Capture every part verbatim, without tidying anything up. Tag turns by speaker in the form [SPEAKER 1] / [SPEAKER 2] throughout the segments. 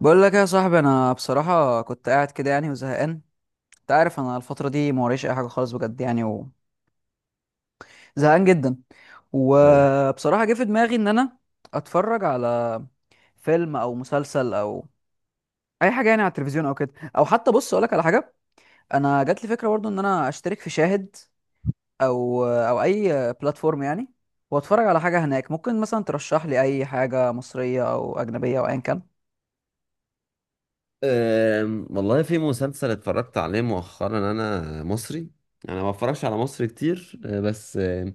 [SPEAKER 1] بقول لك يا صاحبي، انا بصراحه كنت قاعد كده يعني وزهقان. انت عارف انا الفتره دي ما وريش اي حاجه خالص بجد يعني وزهقان جدا.
[SPEAKER 2] اه.
[SPEAKER 1] وبصراحه جه في دماغي ان انا اتفرج على فيلم او مسلسل او اي حاجه يعني على التلفزيون او كده، او حتى بص اقول لك على حاجه، انا جات لي فكره برضو ان انا اشترك في شاهد او او اي بلاتفورم يعني، واتفرج على حاجه هناك، ممكن مثلا ترشح لي اي حاجه مصريه او اجنبيه او ايا كان.
[SPEAKER 2] أم، والله في مسلسل اتفرجت عليه مؤخرا انا، مصري. انا ما بتفرجش على مصري كتير. أه، بس أه،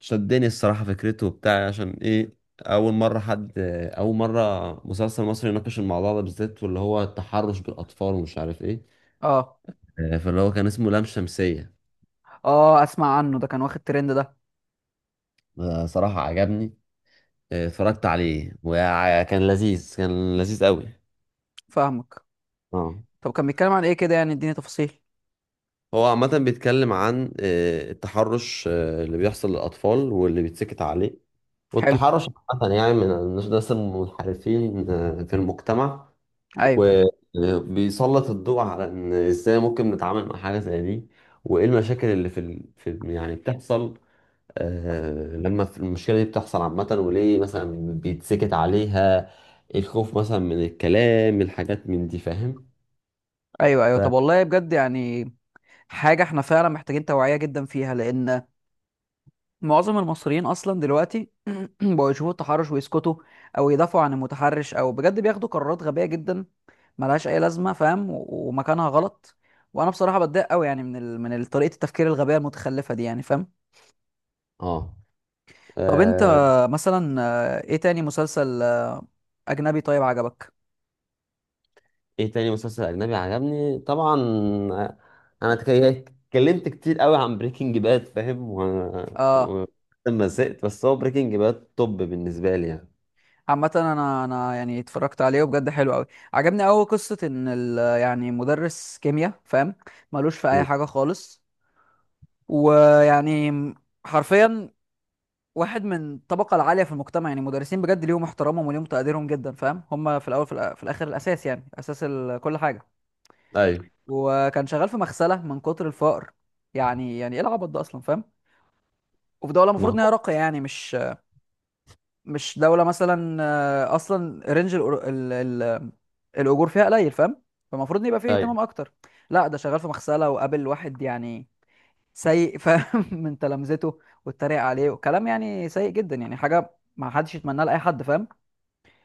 [SPEAKER 2] شدني الصراحة فكرته وبتاع. عشان ايه؟ اول مرة حد أه، اول مرة مسلسل مصري يناقش الموضوع ده بالذات، واللي هو التحرش بالاطفال ومش عارف ايه.
[SPEAKER 1] اه.
[SPEAKER 2] أه، فاللي هو كان اسمه لام شمسية.
[SPEAKER 1] اه، اسمع عنه، ده كان واخد ترند ده.
[SPEAKER 2] أه، صراحة عجبني. أه، اتفرجت عليه وكان لذيذ، كان لذيذ قوي.
[SPEAKER 1] فاهمك.
[SPEAKER 2] اه.
[SPEAKER 1] طب كان بيتكلم عن ايه كده؟ يعني اديني تفاصيل.
[SPEAKER 2] هو عامة بيتكلم عن آه، التحرش، آه، اللي بيحصل للأطفال واللي بيتسكت عليه،
[SPEAKER 1] حلو.
[SPEAKER 2] والتحرش عامة يعني من الناس المنحرفين آه، في المجتمع.
[SPEAKER 1] ايوه.
[SPEAKER 2] وبيسلط الضوء على إن إزاي ممكن نتعامل مع حاجة زي دي، وإيه المشاكل اللي في, ال... في يعني بتحصل. آه، لما في- المشكلة دي بتحصل عامة، وليه مثلا بيتسكت عليها؟ الخوف مثلا من الكلام، الحاجات من دي. فاهم؟
[SPEAKER 1] ايوه ايوه، طب
[SPEAKER 2] ف...
[SPEAKER 1] والله بجد يعني حاجه احنا فعلا محتاجين توعيه جدا فيها، لان معظم المصريين اصلا دلوقتي بقوا يشوفوا التحرش ويسكتوا، او يدافعوا عن المتحرش، او بجد بياخدوا قرارات غبيه جدا ملهاش اي لازمه، فاهم؟ و- ومكانها غلط. وانا بصراحه بتضايق قوي يعني من ال... من ال- طريقه التفكير الغبيه المتخلفه دي، يعني فاهم؟
[SPEAKER 2] اه.
[SPEAKER 1] طب انت
[SPEAKER 2] آه،
[SPEAKER 1] مثلا، آه، ايه تاني مسلسل آه، اجنبي طيب عجبك؟
[SPEAKER 2] ايه تاني مسلسل اجنبي عجبني؟ طبعا انا تك- اتكلمت كتير قوي عن بريكنج باد، فاهم، و...
[SPEAKER 1] اه.
[SPEAKER 2] و... لما زهقت. بس هو بريكنج باد توب بالنسبه لي يعني.
[SPEAKER 1] عامة انا انا يعني اتفرجت عليه وبجد حلو قوي. عجبني قوي قصة ان ال يعني مدرس كيمياء، فاهم؟ ملوش في اي
[SPEAKER 2] مم.
[SPEAKER 1] حاجة خالص. ويعني حرفيا واحد من الطبقة العالية في المجتمع، يعني مدرسين بجد ليهم احترامهم وليهم تقديرهم جدا، فاهم؟ هم في الاول في, الأ- في الاخر الاساس، يعني اساس ال- كل حاجة.
[SPEAKER 2] ايوه.
[SPEAKER 1] وكان شغال في مغسلة من كتر الفقر، يعني يعني ايه العبط ده اصلا؟ فاهم؟ وفي دولة
[SPEAKER 2] ما
[SPEAKER 1] المفروض ان هي
[SPEAKER 2] هو.
[SPEAKER 1] راقية يعني، مش مش دولة مثلا آه، أصلا رينج الأر- ال- ال- الأجور فيها قليل، فاهم؟ فالمفروض يبقى فيه
[SPEAKER 2] ايوه
[SPEAKER 1] اهتمام أكتر. لا ده شغال في مغسلة، وقابل واحد يعني سيء، فاهم؟ من تلامذته. واتريق عليه وكلام يعني سيء جدا، يعني حاجة ما حدش يتمناها لأي حد، فاهم؟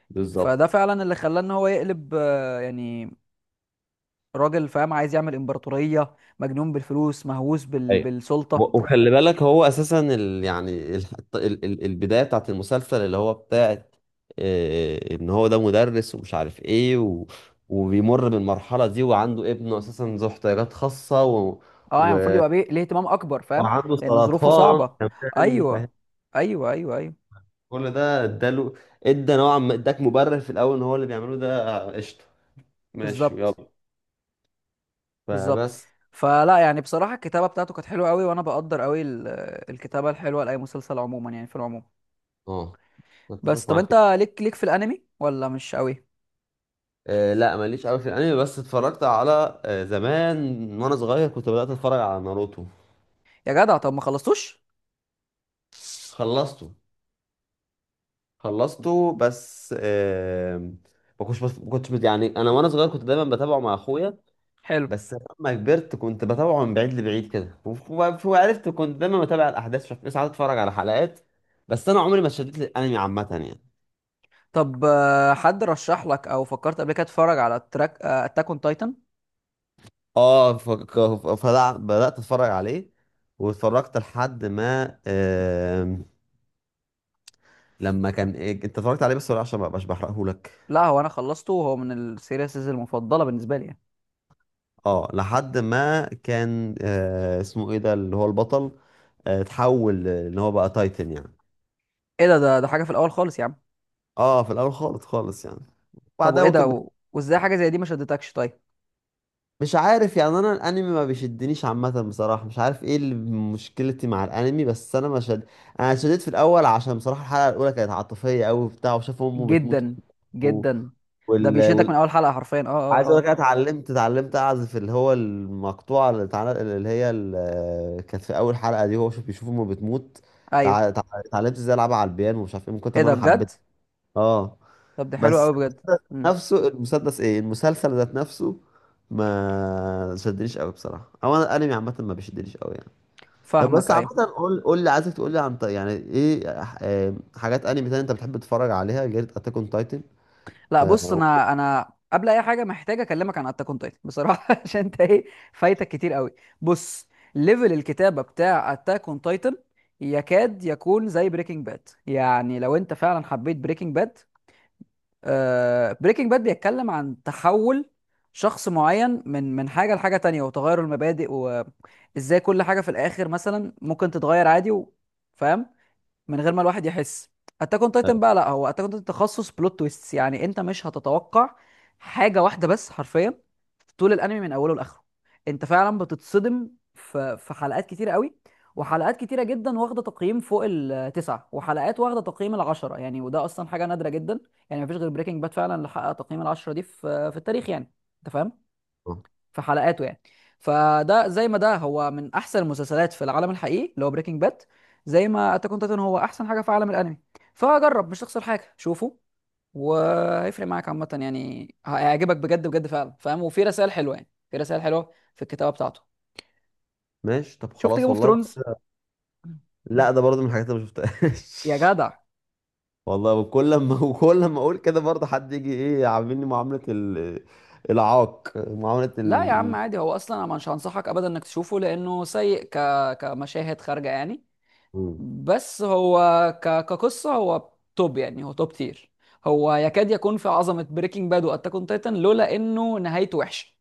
[SPEAKER 2] بالظبط.
[SPEAKER 1] فده فعلا اللي خلاه إن هو يقلب آه، يعني راجل، فاهم؟ عايز يعمل إمبراطورية، مجنون بالفلوس، مهووس بال...
[SPEAKER 2] ايوه.
[SPEAKER 1] بالسلطة.
[SPEAKER 2] و- وخلي بالك هو اساسا ال... يعني ال... ال... ال- البدايه بتاعت المسلسل اللي هو بتاعت، آه، ان هو ده مدرس ومش عارف ايه، و... وبيمر بالمرحله دي، وعنده ابنه اساسا ذو احتياجات خاصه، و...
[SPEAKER 1] اه يعني المفروض
[SPEAKER 2] و...
[SPEAKER 1] يبقى بيه ليه اهتمام أكبر، فاهم؟
[SPEAKER 2] وعنده
[SPEAKER 1] لأن ظروفه
[SPEAKER 2] سرطان
[SPEAKER 1] صعبة.
[SPEAKER 2] كمان، فاهم.
[SPEAKER 1] أيوه. أيوه أيوه أيوه
[SPEAKER 2] كل ده اداله، ادى نوعا ما اداك مبرر في الاول ان هو اللي بيعمله ده قشطه، ماشي، ويلا.
[SPEAKER 1] بالظبط. بالظبط.
[SPEAKER 2] فبس.
[SPEAKER 1] فلا يعني بصراحة الكتابة بتاعته كانت حلوة قوي، وانا بقدر قوي ال- الكتابة الحلوة لأي مسلسل عموما، يعني في العموم.
[SPEAKER 2] اه. متفق
[SPEAKER 1] بس طب
[SPEAKER 2] معاك
[SPEAKER 1] انت
[SPEAKER 2] كده.
[SPEAKER 1] ليك ليك في الانمي ولا مش قوي؟
[SPEAKER 2] آه لا، ماليش قوي في الانمي. بس اتفرجت على آه زمان، وانا صغير كنت بدأت اتفرج على ناروتو.
[SPEAKER 1] يا جدع طب ما خلصتوش؟
[SPEAKER 2] خلصته. خلصته بس. آه ما كنتش بس ما كنتش بت- يعني انا وانا صغير كنت دايما بتابعه مع اخويا.
[SPEAKER 1] حلو.
[SPEAKER 2] بس لما كبرت كنت بتابعه من بعيد لبعيد كده، وف- وف- وعرفت. كنت دايما بتابع الاحداث، شوف ساعات اتفرج على حلقات، بس انا عمري ما اتشددت للانمي عامه يعني.
[SPEAKER 1] طب آه، حد رشح لك او فكرت قبل كده تتفرج على تراك اتاك اون تايتن؟
[SPEAKER 2] اه. ف- ك- فلا- بدات اتفرج عليه، واتفرجت لحد ما آم، لما كان إيه- انت اتفرجت عليه، بس ولا عشان ما ابقاش بحرقه لك؟
[SPEAKER 1] لا هو انا خلصته، وهو من السيريسز المفضلة بالنسبة لي يعني.
[SPEAKER 2] اه، لحد ما كان آه، اسمه ايه ده اللي هو البطل، آه، اتحول ان هو بقى تايتن يعني.
[SPEAKER 1] ايه ده؟ ده ده حاجة في الاول خالص يا عم.
[SPEAKER 2] اه، في الاول خالص خالص يعني،
[SPEAKER 1] طب
[SPEAKER 2] بعدها
[SPEAKER 1] وايه ده؟
[SPEAKER 2] ممكن.
[SPEAKER 1] و... وازاي حاجة زي دي ما شدتكش طيب؟
[SPEAKER 2] مش عارف يعني، انا الانمي ما بيشدنيش عامه بصراحه. مش عارف ايه اللي مشكلتي مع الانمي، بس انا ما شد. انا شديت في الاول عشان بصراحه الحلقه الاولى كانت عاطفيه قوي وبتاع، وشاف امه بتموت.
[SPEAKER 1] جدا.
[SPEAKER 2] و...
[SPEAKER 1] جدا. ده
[SPEAKER 2] وال...
[SPEAKER 1] بيشدك من
[SPEAKER 2] وال...
[SPEAKER 1] اول حلقة حرفيا. اه اه
[SPEAKER 2] عايز اقول لك
[SPEAKER 1] اه
[SPEAKER 2] انا اتعلمت اتعلمت اعزف اللي هو المقطوعه اللي اتعل- اللي هي ال- كانت في اول حلقه دي، هو شوف بيشوف امه بتموت.
[SPEAKER 1] ايوه.
[SPEAKER 2] تع- تع- اتعلمت ازاي العبها على البيانو ومش عارف ايه، من كتر
[SPEAKER 1] ايه
[SPEAKER 2] ما
[SPEAKER 1] ده
[SPEAKER 2] انا
[SPEAKER 1] بجد؟
[SPEAKER 2] حبيت. اه،
[SPEAKER 1] طب ده حلو
[SPEAKER 2] بس
[SPEAKER 1] قوي بجد. امم.
[SPEAKER 2] نفسه المسدس ايه المسلسل ذات نفسه ما شدنيش قوي بصراحه. او انا الانمي عامه ما بيشدنيش قوي يعني. طب
[SPEAKER 1] فاهمك.
[SPEAKER 2] بس عامه،
[SPEAKER 1] ايوه،
[SPEAKER 2] قول قول لي، عايزك تقول لي عن ط- يعني ايه آه، حاجات انمي تانية انت بتحب تتفرج عليها غير اتاك اون تايتن؟
[SPEAKER 1] لا بص انا انا قبل اي حاجه محتاج اكلمك عن اتاك اون تايتن بصراحه، عشان انت ايه، فايتك كتير قوي. بص، ليفل الكتابه بتاع اتاك اون تايتن يكاد يكون زي بريكنج باد، يعني لو انت فعلا حبيت بريكنج باد. آه بريكنج باد بيتكلم عن تحول شخص معين من من حاجه لحاجه تانية، وتغير المبادئ، وازاي كل حاجه في الاخر مثلا ممكن تتغير عادي و... فاهم؟ من غير ما الواحد يحس. اتاك اون تايتن بقى لا، هو اتاك اون تايتن تخصص بلوت تويستس. يعني انت مش هتتوقع حاجه واحده بس حرفيا في طول الانمي من اوله لاخره. انت فعلا بتتصدم في في حلقات كتيره قوي. وحلقات كتيره جدا واخده تقييم فوق التسعه، وحلقات واخده تقييم العشره يعني، وده اصلا حاجه نادره جدا. يعني مفيش غير بريكنج باد فعلا اللي حقق تقييم العشره دي في في التاريخ، يعني انت فاهم؟ في حلقاته يعني. فده زي ما ده هو من احسن المسلسلات في العالم الحقيقي اللي هو بريكنج باد، زي ما اتاك اون تايتن هو احسن حاجه في عالم الانمي. فجرب، مش تخسر حاجه، شوفه. وهيفرق معاك عامه، يعني هيعجبك بجد بجد فعلا، فاهم؟ وفي رسائل حلوه، يعني في رسائل حلوه في الكتابه بتاعته.
[SPEAKER 2] ماشي، طب
[SPEAKER 1] شفت جيم
[SPEAKER 2] خلاص
[SPEAKER 1] اوف
[SPEAKER 2] والله.
[SPEAKER 1] ثرونز؟
[SPEAKER 2] لا. لا، ده برضه من الحاجات اللي ما
[SPEAKER 1] يا
[SPEAKER 2] شفتهاش.
[SPEAKER 1] جدع،
[SPEAKER 2] والله وكل لما وكل لما اقول كده برضه حد يجي ايه، عاملني معامله ال- العاق، معامله
[SPEAKER 1] لا يا عم
[SPEAKER 2] ال.
[SPEAKER 1] عادي، هو اصلا انا مش هنصحك ابدا انك تشوفه لانه سيء ك... كمشاهد خارجه يعني.
[SPEAKER 2] مم.
[SPEAKER 1] بس هو ك... كقصة هو توب، يعني هو توب تير. هو يكاد يكون في عظمة بريكنج باد واتاك اون تايتن لولا انه نهايته وحشة.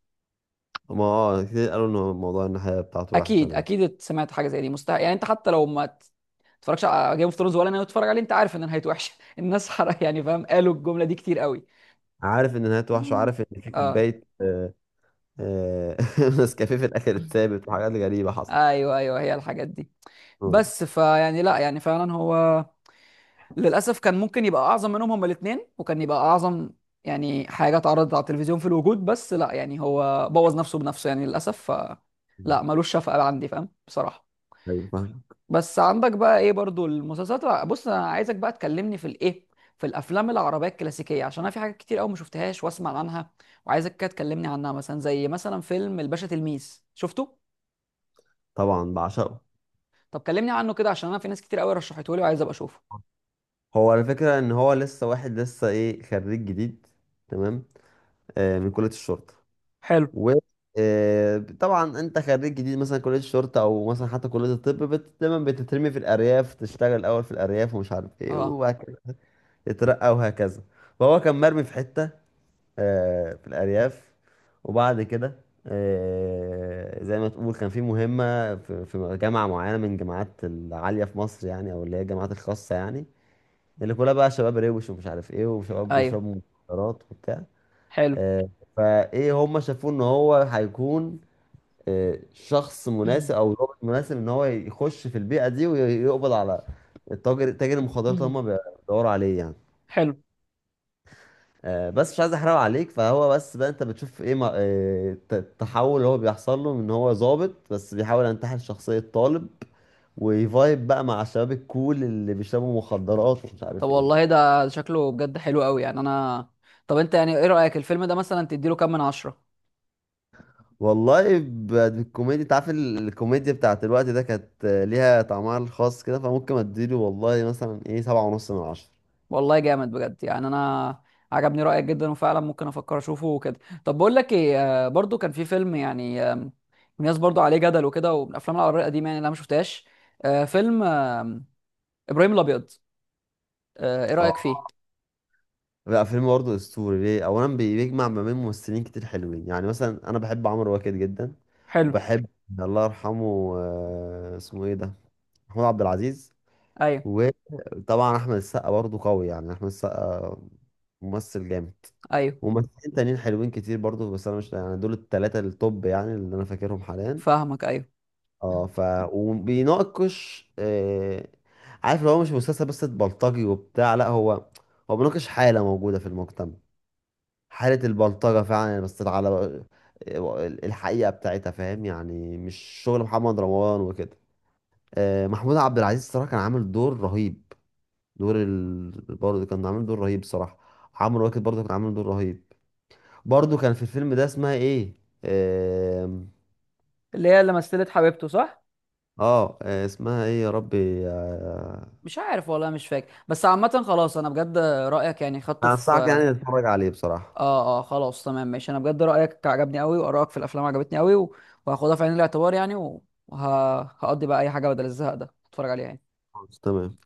[SPEAKER 2] ما اه كتير قالوا ان موضوع النهايه بتاعته وحشه
[SPEAKER 1] اكيد
[SPEAKER 2] يعني.
[SPEAKER 1] اكيد سمعت حاجة زي دي، مستحيل يعني انت حتى لو ما ت- تتفرجش على جيم اوف ثرونز ولا انا بتتفرج عليه، انت عارف ان نهايته وحشة. الناس حرق يعني، فاهم؟ قالوا الجملة دي كتير قوي.
[SPEAKER 2] عارف ان نهايته وحشه،
[SPEAKER 1] مم.
[SPEAKER 2] وعارف ان في
[SPEAKER 1] اه.
[SPEAKER 2] كوبايه، آه، آه، نسكافيه في الاخر اتثابت، وحاجات غريبه حصلت.
[SPEAKER 1] ايوه ايوه، هي الحاجات دي.
[SPEAKER 2] اه.
[SPEAKER 1] بس فيعني لا يعني فعلا هو للاسف كان ممكن يبقى اعظم منهم هما الاثنين، وكان يبقى اعظم يعني حاجه اتعرضت على التلفزيون في الوجود، بس لا يعني هو بوظ نفسه بنفسه يعني، للاسف ف
[SPEAKER 2] مم.
[SPEAKER 1] لا ملوش شفقه عندي، فاهم بصراحه؟
[SPEAKER 2] ايوه فاهم.
[SPEAKER 1] بس عندك بقى ايه برضو المسلسلات الع- بص انا عايزك بقى تكلمني في الايه، في الافلام العربيه الكلاسيكيه، عشان انا في حاجات كتير قوي ما شفتهاش واسمع عنها، وعايزك كده تكلمني عنها. مثلا زي مثلا فيلم الباشا تلميذ شفته؟
[SPEAKER 2] طبعا بعشقه.
[SPEAKER 1] طب كلمني عنه كده، عشان انا في ناس كتير قوي رشحته لي وعايز ابقى اشوفه.
[SPEAKER 2] هو الفكره ان هو لسه واحد لسه ايه، خريج جديد. تمام. آه، من كليه الشرطه.
[SPEAKER 1] حلو.
[SPEAKER 2] و آه، طبعا انت خريج جديد مثلا كليه الشرطه، او مثلا حتى كليه الطب، بت... دايما بتترمي في الارياف، تشتغل الاول في الارياف ومش عارف ايه،
[SPEAKER 1] اه.
[SPEAKER 2] وبعد كده تترقى وهكذا. فهو كان مرمي في حته آه، في الأرياف، وبعد كده آه، زي ما تقول كان في مهمة في في جامعة معينة من الجامعات العالية في مصر يعني، أو اللي هي الجامعات الخاصة يعني، اللي كلها بقى شباب روش ومش عارف إيه، وشباب
[SPEAKER 1] ايوه.
[SPEAKER 2] بيشربوا مخدرات وبتاع.
[SPEAKER 1] حلو.
[SPEAKER 2] آه، فإيه، هم شافوه إن هو هيكون آه، شخص مناسب أو ضابط مناسب إن هو يخش في البيئة دي ويقبض على التاجر، تاجر المخدرات اللي هم بيدوروا عليه يعني.
[SPEAKER 1] حلو.
[SPEAKER 2] آه، بس مش عايز احرق عليك. فهو بس بقى، انت بتشوف ايه ما- آه، الت- التحول اللي هو بيحصل له، من ان هو ظابط بس بيحاول ينتحل شخصية طالب، ويفايب بقى مع الشباب الكول اللي بيشربوا مخدرات ومش
[SPEAKER 1] طب
[SPEAKER 2] عارف
[SPEAKER 1] والله
[SPEAKER 2] ايه.
[SPEAKER 1] ده ده شكله بجد حلو قوي يعني، انا طب انت يعني ايه رأيك الفيلم ده مثلا تديله كام من عشرة؟
[SPEAKER 2] والله، ب- الكوميديا، انت عارف ال- الكوميديا بتاعت الوقت ده كانت آه، ليها طعمها الخاص كده، فممكن اديله والله مثلا ايه، سبعة ونص من عشرة.
[SPEAKER 1] والله جامد بجد يعني، انا عجبني رأيك جدا، وفعلا ممكن افكر اشوفه وكده. طب بقول لك ايه، آه، برضو كان في فيلم يعني آم، الناس برضو عليه جدل وكده، ومن الافلام العربية القديمة يعني اللي انا ما شفتهاش، آه، فيلم آم، ابراهيم الابيض. آه، ايه رأيك فيه؟
[SPEAKER 2] لا، فيلم برضه اسطوري. ليه؟ اولا، بي- بيجمع ما بين ممثلين كتير حلوين يعني، مثلا انا بحب عمرو واكد جدا.
[SPEAKER 1] حلو.
[SPEAKER 2] وبحب الله يرحمه آه، اسمه ايه ده، محمود عبد العزيز.
[SPEAKER 1] ايوه
[SPEAKER 2] وطبعا احمد السقا برضه قوي يعني، احمد السقا ممثل جامد.
[SPEAKER 1] ايوه
[SPEAKER 2] وممثلين تانيين حلوين كتير برضه، بس انا مش يعني، دول التلاتة التوب يعني اللي انا فاكرهم حاليا.
[SPEAKER 1] فاهمك. ايوه
[SPEAKER 2] اه ف، وبيناقش آه... عارف، لو هو مش مسلسل بس بلطجي وبتاع، لا، هو هو بيناقش حالة موجودة في المجتمع، حالة البلطجة فعلا يعني، بس على الحقيقة بتاعتها، فاهم؟ يعني مش شغل محمد رمضان وكده. آه، محمود عبد العزيز الصراحة كان عامل دور رهيب. دور ال... برضه كان عامل دور رهيب صراحة. عمرو واكد برضه كان عامل دور رهيب. برضه كان في الفيلم ده اسمها ايه، آم،
[SPEAKER 1] اللي هي اللي مثلت حبيبته صح؟
[SPEAKER 2] اه آه، اسمها ايه يا ربي آه،
[SPEAKER 1] مش عارف والله مش فاكر، بس عامة خلاص انا بجد رأيك يعني خدته
[SPEAKER 2] انا انصحك
[SPEAKER 1] في.
[SPEAKER 2] يعني تتفرج عليه بصراحة.
[SPEAKER 1] اه اه خلاص تمام ماشي، انا بجد رايك عجبني قوي وارائك في الافلام عجبتني قوي، و- وهاخدها في عين الاعتبار يعني، وهقضي بقى اي حاجه بدل الزهق ده اتفرج عليها يعني.
[SPEAKER 2] خلاص، تمام.